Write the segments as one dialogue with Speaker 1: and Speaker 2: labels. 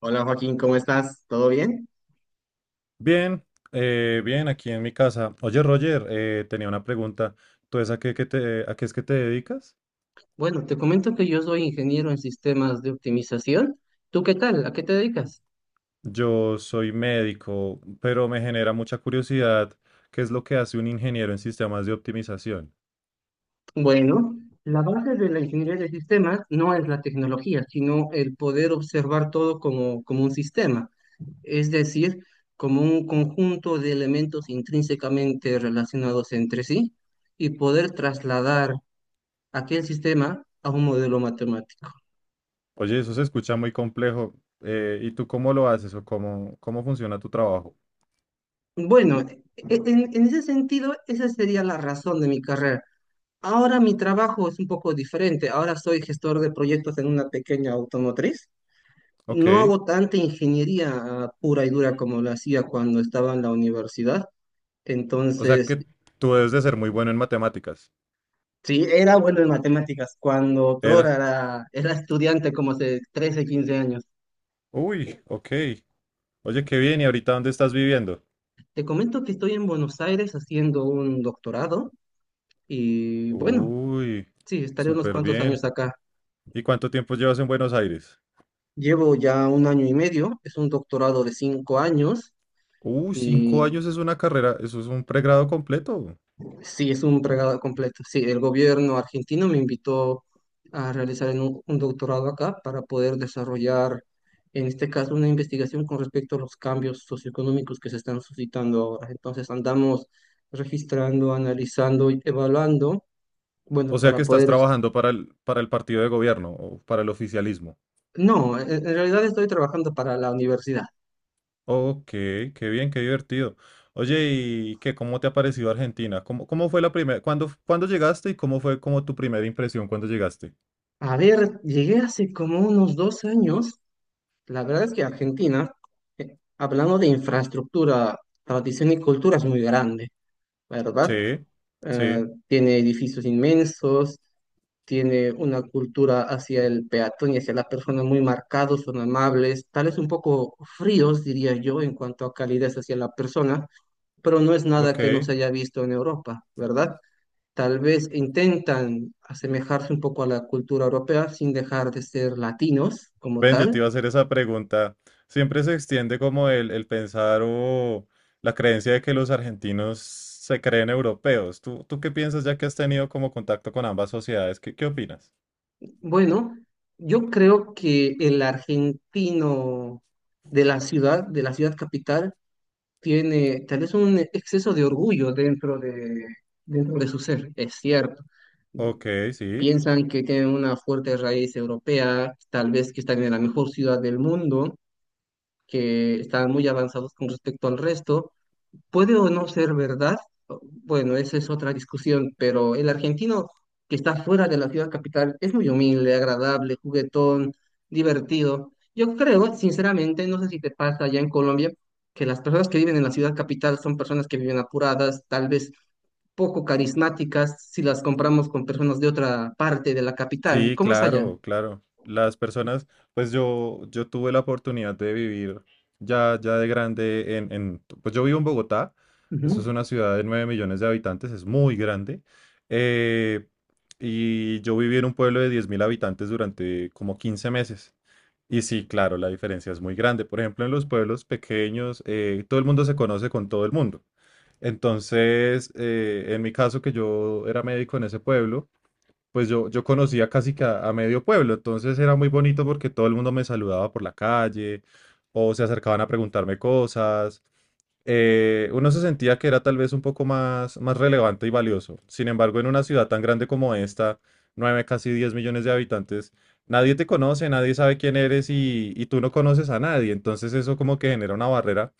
Speaker 1: Hola Joaquín, ¿cómo estás? ¿Todo bien?
Speaker 2: Bien, bien, aquí en mi casa. Oye, Roger, tenía una pregunta. ¿Tú es a qué es que te dedicas?
Speaker 1: Bueno, te comento que yo soy ingeniero en sistemas de optimización. ¿Tú qué haces?
Speaker 2: Yo soy médico, pero me genera mucha curiosidad qué es lo que hace un ingeniero en sistemas de optimización.
Speaker 1: Bueno, la base de la ingeniería de sistemas no es la tecnología, sino el poder observar todo como un sistema, es decir, como un conjunto de elementos intrínsecamente relacionados entre sí y poder trasladar aquel sistema a un modelo matemático.
Speaker 2: Oye, eso se escucha muy complejo. ¿Y tú cómo lo haces o cómo funciona tu trabajo?
Speaker 1: Bueno, en ese sentido, esa sería la razón de mi carrera. Ahora mi trabajo es un poco diferente. Ahora soy gestor de proyectos en una pequeña automotriz.
Speaker 2: Ok,
Speaker 1: No hago tanta ingeniería pura y dura como lo hacía cuando estaba en la universidad.
Speaker 2: o sea
Speaker 1: Entonces,
Speaker 2: que tú debes de ser muy bueno en matemáticas.
Speaker 1: sí, era bueno en matemáticas cuando otrora
Speaker 2: Era.
Speaker 1: era estudiante como hace 13-15 años.
Speaker 2: Uy, ok. Oye, qué bien. ¿Y ahorita dónde estás viviendo?
Speaker 1: Te comento que estoy en Buenos Aires haciendo un doctorado y bueno,
Speaker 2: Uy,
Speaker 1: sí, estaré unos
Speaker 2: súper
Speaker 1: cuantos años
Speaker 2: bien.
Speaker 1: acá.
Speaker 2: ¿Y cuánto tiempo llevas en Buenos Aires?
Speaker 1: Llevo ya un año y medio, es un doctorado de 5 años.
Speaker 2: Cinco
Speaker 1: Y
Speaker 2: años es una carrera, eso es un pregrado completo.
Speaker 1: Sí, es un regalo completo. Sí, el gobierno argentino me invitó a realizar en un doctorado acá para poder desarrollar, en este caso, una investigación con respecto a los cambios socioeconómicos que se están suscitando ahora. Entonces, andamos registrando, analizando y evaluando,
Speaker 2: O
Speaker 1: bueno,
Speaker 2: sea que
Speaker 1: para
Speaker 2: estás
Speaker 1: poder...
Speaker 2: trabajando para el partido de gobierno o para el oficialismo.
Speaker 1: No, en realidad estoy trabajando para la universidad.
Speaker 2: Ok, qué bien, qué divertido. Oye, ¿y cómo te ha parecido Argentina? ¿Cómo fue cuándo llegaste y cómo fue como tu primera impresión cuando llegaste?
Speaker 1: A ver, llegué hace como unos 2 años. La verdad es que Argentina, hablando de infraestructura, tradición y cultura, es muy grande, ¿verdad?
Speaker 2: Sí, sí,
Speaker 1: Tiene edificios inmensos, tiene una cultura hacia el peatón y hacia la persona muy marcados, son amables, tal vez un poco fríos, diría yo, en cuanto a calidez hacia la persona, pero no es nada que no
Speaker 2: ok.
Speaker 1: se haya visto en Europa, ¿verdad? Tal vez intentan asemejarse un poco a la cultura europea sin dejar de ser latinos como
Speaker 2: Ven, yo te iba
Speaker 1: tal.
Speaker 2: a hacer esa pregunta. Siempre se extiende como el pensar o la creencia de que los argentinos se creen europeos. ¿Tú qué piensas ya que has tenido como contacto con ambas sociedades? ¿Qué opinas?
Speaker 1: Bueno, yo creo que el argentino de la ciudad capital, tiene tal vez un exceso de orgullo dentro de su ser, es cierto.
Speaker 2: Ok, sí.
Speaker 1: Piensan que tienen una fuerte raíz europea, tal vez que están en la mejor ciudad del mundo, que están muy avanzados con respecto al resto, puede o no ser verdad, bueno, esa es otra discusión, pero el argentino que está fuera de la ciudad capital es muy humilde, agradable, juguetón, divertido. Yo creo, sinceramente, no sé si te pasa allá en Colombia, que las personas que viven en la ciudad capital son personas que viven apuradas, tal vez poco carismáticas, si las compramos con personas de otra parte de la capital.
Speaker 2: Sí,
Speaker 1: ¿Cómo es allá?
Speaker 2: claro, claro. Las personas, pues yo tuve la oportunidad de vivir ya de grande pues yo vivo en Bogotá. Eso es
Speaker 1: Ujú.
Speaker 2: una ciudad de 9 millones de habitantes, es muy grande. eh, y yo viví en un pueblo de 10.000 habitantes durante como 15 meses. Y sí, claro, la diferencia es muy grande. Por ejemplo, en los pueblos pequeños, todo el mundo se conoce con todo el mundo. Entonces, en mi caso, que yo era médico en ese pueblo, pues yo conocía casi que a medio pueblo, entonces era muy bonito porque todo el mundo me saludaba por la calle o se acercaban a preguntarme cosas. Uno se sentía que era tal vez un poco más relevante y valioso. Sin embargo, en una ciudad tan grande como esta, 9, casi 10 millones de habitantes, nadie te conoce, nadie sabe quién eres y tú no conoces a nadie. Entonces eso como que genera una barrera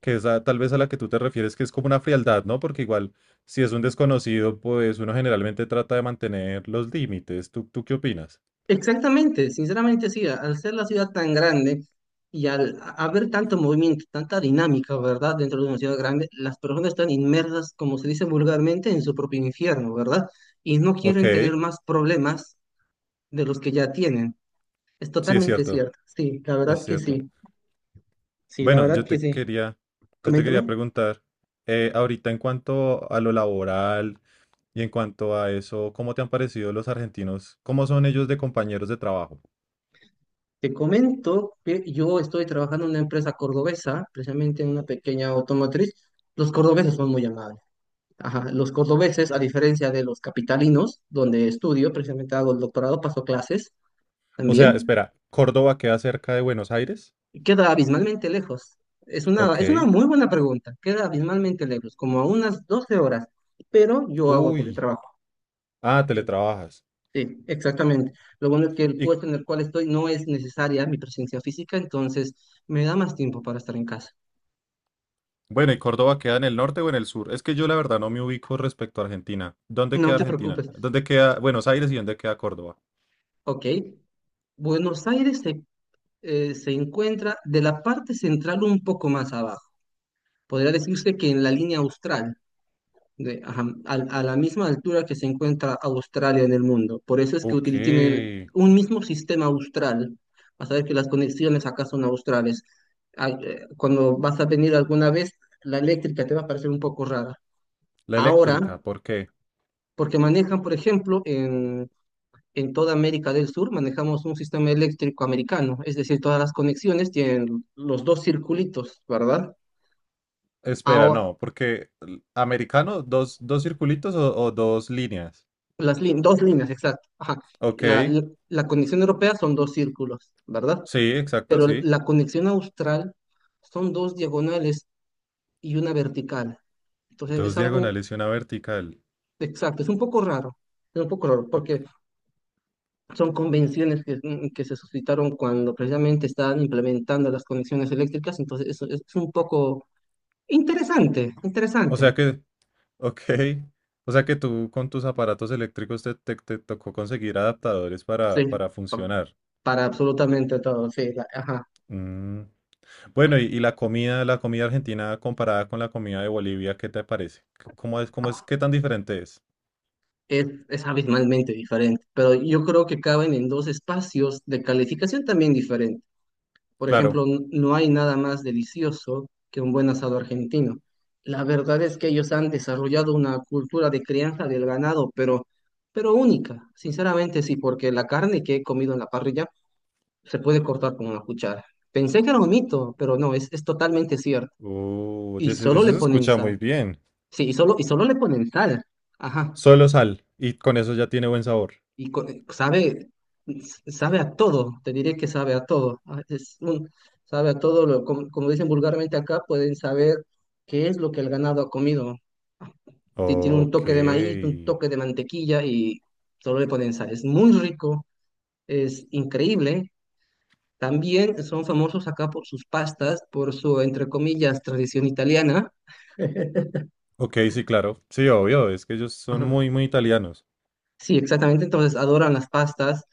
Speaker 2: que es tal vez a la que tú te refieres, que es como una frialdad, ¿no? Porque igual, si es un desconocido, pues uno generalmente trata de mantener los límites. ¿Tú qué opinas?
Speaker 1: Exactamente, sinceramente sí, al ser la ciudad tan grande y al haber tanto movimiento, tanta dinámica, ¿verdad? Dentro de una ciudad grande, las personas están inmersas, como se dice vulgarmente, en su propio infierno, ¿verdad? Y no
Speaker 2: Ok,
Speaker 1: quieren tener más problemas de los que ya tienen. Es
Speaker 2: sí, es
Speaker 1: totalmente
Speaker 2: cierto,
Speaker 1: cierto, sí, la
Speaker 2: es
Speaker 1: verdad que
Speaker 2: cierto.
Speaker 1: sí, sí, la
Speaker 2: Bueno,
Speaker 1: verdad
Speaker 2: yo
Speaker 1: que
Speaker 2: te
Speaker 1: sí.
Speaker 2: quería, yo te quería
Speaker 1: Coméntame.
Speaker 2: preguntar, ahorita en cuanto a lo laboral y en cuanto a eso, ¿cómo te han parecido los argentinos? ¿Cómo son ellos de compañeros de trabajo?
Speaker 1: Te comento que yo estoy trabajando en una empresa cordobesa, precisamente en una pequeña automotriz. Los cordobeses son muy amables. Ajá, los cordobeses, a diferencia de los capitalinos, donde estudio, precisamente hago el doctorado, paso clases
Speaker 2: O sea,
Speaker 1: también,
Speaker 2: espera, ¿Córdoba queda cerca de Buenos Aires?
Speaker 1: queda abismalmente lejos. Es una
Speaker 2: Ok.
Speaker 1: muy buena pregunta, queda abismalmente lejos, como a unas 12 horas, pero yo hago
Speaker 2: Uy,
Speaker 1: teletrabajo.
Speaker 2: ah,
Speaker 1: Entonces,
Speaker 2: teletrabajas.
Speaker 1: sí, exactamente. Lo bueno es que el
Speaker 2: ¿Y
Speaker 1: puesto en el cual estoy no es necesaria mi presencia física, entonces me da más tiempo para estar en casa.
Speaker 2: Bueno, ¿y Córdoba queda en el norte o en el sur? Es que yo la verdad no me ubico respecto a Argentina. ¿Dónde
Speaker 1: No
Speaker 2: queda
Speaker 1: te
Speaker 2: Argentina?
Speaker 1: preocupes.
Speaker 2: ¿Dónde queda Buenos Aires y dónde queda Córdoba?
Speaker 1: Ok, Buenos Aires se encuentra de la parte central un poco más abajo. Podría decirse que en la línea austral, la misma altura que se encuentra Australia en el mundo. Por eso es que
Speaker 2: Ok,
Speaker 1: tienen
Speaker 2: la
Speaker 1: un mismo sistema austral. Vas a ver que las conexiones acá son australes. Cuando vas a venir alguna vez, la eléctrica te va a parecer un poco rara. Ahora,
Speaker 2: eléctrica, ¿por qué?
Speaker 1: porque manejan, por ejemplo, en toda América del Sur, manejamos un sistema eléctrico americano. Es decir, todas las conexiones tienen los dos circulitos, ¿verdad?
Speaker 2: Espera,
Speaker 1: Ahora,
Speaker 2: no, porque americano, dos circulitos o dos líneas.
Speaker 1: las dos líneas, exacto. Ajá.
Speaker 2: Ok,
Speaker 1: La, la, la conexión europea son dos círculos, ¿verdad?
Speaker 2: sí, exacto,
Speaker 1: Pero
Speaker 2: sí.
Speaker 1: la conexión austral son dos diagonales y una vertical. Entonces
Speaker 2: Dos
Speaker 1: es algo
Speaker 2: diagonales y una vertical.
Speaker 1: exacto, es un poco raro, es un poco raro,
Speaker 2: Ok.
Speaker 1: porque son convenciones que, que se suscitaron cuando precisamente estaban implementando las conexiones eléctricas, entonces eso es un poco interesante,
Speaker 2: O
Speaker 1: interesante,
Speaker 2: sea que, ok. O sea que tú con tus aparatos eléctricos te tocó conseguir adaptadores para,
Speaker 1: sí,
Speaker 2: para
Speaker 1: pa-
Speaker 2: funcionar.
Speaker 1: para absolutamente todo, sí, ajá.
Speaker 2: Mm, Bueno, y la comida, argentina comparada con la comida de Bolivia, ¿qué te parece? ¿Qué tan diferente es?
Speaker 1: Es abismalmente diferente, pero yo creo que caben en dos espacios de calificación también diferente. Por
Speaker 2: Claro.
Speaker 1: ejemplo, no hay nada más delicioso que un buen asado argentino. La verdad es que ellos han desarrollado una cultura de crianza del ganado, pero única, sinceramente sí, porque la carne que he comido en la parrilla se puede cortar con una cuchara. Pensé que era un mito, pero no, es totalmente cierto.
Speaker 2: Oh, oye,
Speaker 1: Y solo
Speaker 2: eso
Speaker 1: le
Speaker 2: se
Speaker 1: ponen
Speaker 2: escucha
Speaker 1: sal.
Speaker 2: muy bien.
Speaker 1: Sí, y solo le ponen sal. Ajá.
Speaker 2: Solo sal, y con eso ya tiene buen sabor.
Speaker 1: y co- eh, sabe, sabe a todo, te diré que sabe a todo. Sabe a todo, como dicen vulgarmente acá, pueden saber qué es lo que el ganado ha comido. Tiene un
Speaker 2: Ok.
Speaker 1: toque de maíz, un toque de mantequilla y solo le ponen sal. Es muy rico, es increíble. También son famosos acá por sus pastas, por su, entre comillas, tradición italiana.
Speaker 2: Ok, sí, claro. Sí, obvio, es que ellos son
Speaker 1: Ajá.
Speaker 2: muy, muy italianos.
Speaker 1: Sí, exactamente. Entonces adoran las pastas,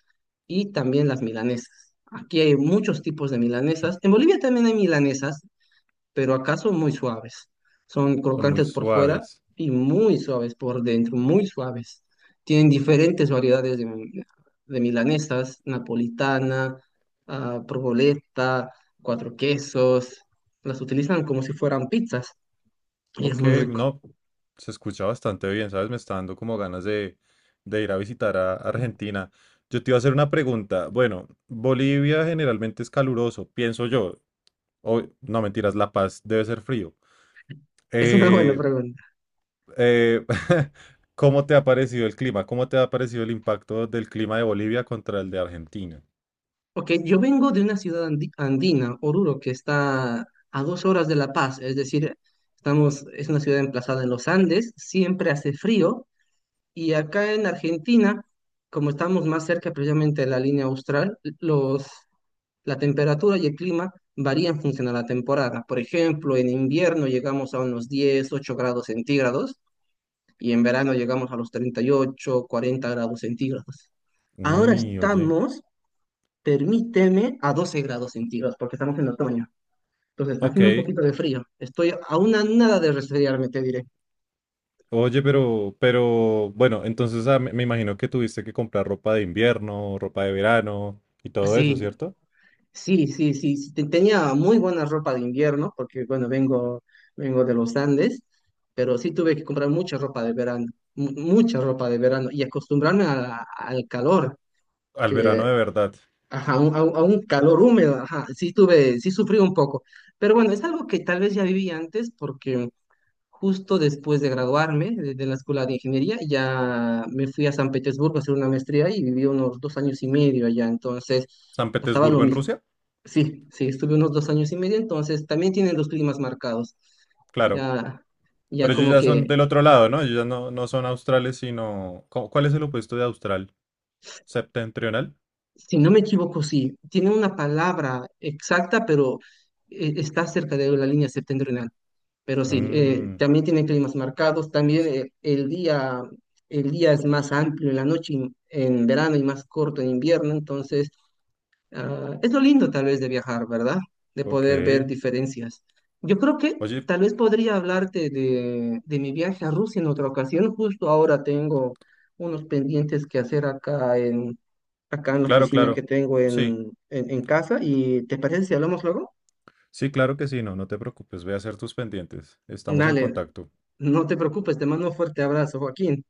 Speaker 1: y también las milanesas. Aquí hay muchos tipos de milanesas. En Bolivia también hay milanesas, pero acá son muy suaves. Son
Speaker 2: Son muy
Speaker 1: crocantes por fuera
Speaker 2: suaves.
Speaker 1: y muy suaves por dentro, muy suaves. Tienen diferentes variedades de milanesas, napolitana, provoleta, cuatro quesos. Las utilizan como si fueran pizzas y es
Speaker 2: Ok,
Speaker 1: muy rico.
Speaker 2: no, se escucha bastante bien, ¿sabes? Me está dando como ganas de ir a visitar a Argentina. Yo te iba a hacer una pregunta. Bueno, Bolivia generalmente es caluroso, pienso yo. O, no, mentiras, La Paz debe ser frío.
Speaker 1: Es una buena
Speaker 2: Eh,
Speaker 1: pregunta.
Speaker 2: eh, ¿Cómo te ha parecido el clima? ¿Cómo te ha parecido el impacto del clima de Bolivia contra el de Argentina?
Speaker 1: Ok, yo vengo de una ciudad andina, Oruro, que está a 2 horas de La Paz, es decir, es una ciudad emplazada en los Andes, siempre hace frío, y acá en Argentina, como estamos más cerca precisamente de la línea austral, la temperatura y el clima varían en función a la temporada. Por ejemplo, en invierno llegamos a unos 10-18 grados centígrados, y en verano llegamos a los 38-40 grados centígrados. Ahora
Speaker 2: Uy, oye.
Speaker 1: estamos permíteme a 12 grados centígrados, porque estamos en otoño. Entonces está haciendo un
Speaker 2: Ok.
Speaker 1: poquito de frío. Estoy a una nada de resfriarme, te diré.
Speaker 2: Oye, pero bueno, entonces me imagino que tuviste que comprar ropa de invierno, ropa de verano y todo eso,
Speaker 1: Sí,
Speaker 2: ¿cierto?
Speaker 1: sí, sí, sí, sí, tenía muy buena ropa de invierno, porque bueno, vengo de los Andes, pero sí tuve que comprar mucha ropa de verano, mucha ropa de verano, y acostumbrarme a al calor,
Speaker 2: Al verano
Speaker 1: que,
Speaker 2: de verdad.
Speaker 1: ajá, a un calor húmedo, ajá, sí sufrí un poco. Pero bueno, es algo que tal vez ya viví antes, porque justo después de graduarme de la escuela de ingeniería, ya me fui a San Petersburgo a hacer una maestría y viví unos 2 años y medio allá. Entonces,
Speaker 2: San
Speaker 1: pasaba lo
Speaker 2: Petersburgo en
Speaker 1: mismo.
Speaker 2: Rusia,
Speaker 1: Sí, sí, estuve unos 2 años y medio, entonces también tienen los climas marcados.
Speaker 2: claro.
Speaker 1: Ya, ya
Speaker 2: Pero ellos
Speaker 1: como
Speaker 2: ya son
Speaker 1: que,
Speaker 2: del otro lado, ¿no? Ellos ya no, no son australes, sino... ¿Cuál es el opuesto de austral? ¿Septentrional?
Speaker 1: si no me equivoco, sí, tiene una palabra exacta, pero está cerca de la línea septentrional. Pero sí,
Speaker 2: Mm,
Speaker 1: también tienen climas marcados, también el día es más amplio en la noche en verano y más corto en invierno, entonces es lo lindo tal vez de viajar, ¿verdad? De
Speaker 2: ok.
Speaker 1: poder ver diferencias. Yo creo que
Speaker 2: Oye,
Speaker 1: tal vez podría hablarte de mi viaje a Rusia en otra ocasión, justo ahora tengo unos pendientes que hacer acá en la
Speaker 2: claro,
Speaker 1: oficina que
Speaker 2: claro.
Speaker 1: tengo
Speaker 2: Sí,
Speaker 1: en casa y ¿te parece si hablamos luego?
Speaker 2: sí, claro que sí, no, no te preocupes, ve a hacer tus pendientes. Estamos en
Speaker 1: Dale,
Speaker 2: contacto.
Speaker 1: no te preocupes, te mando un fuerte abrazo, Joaquín.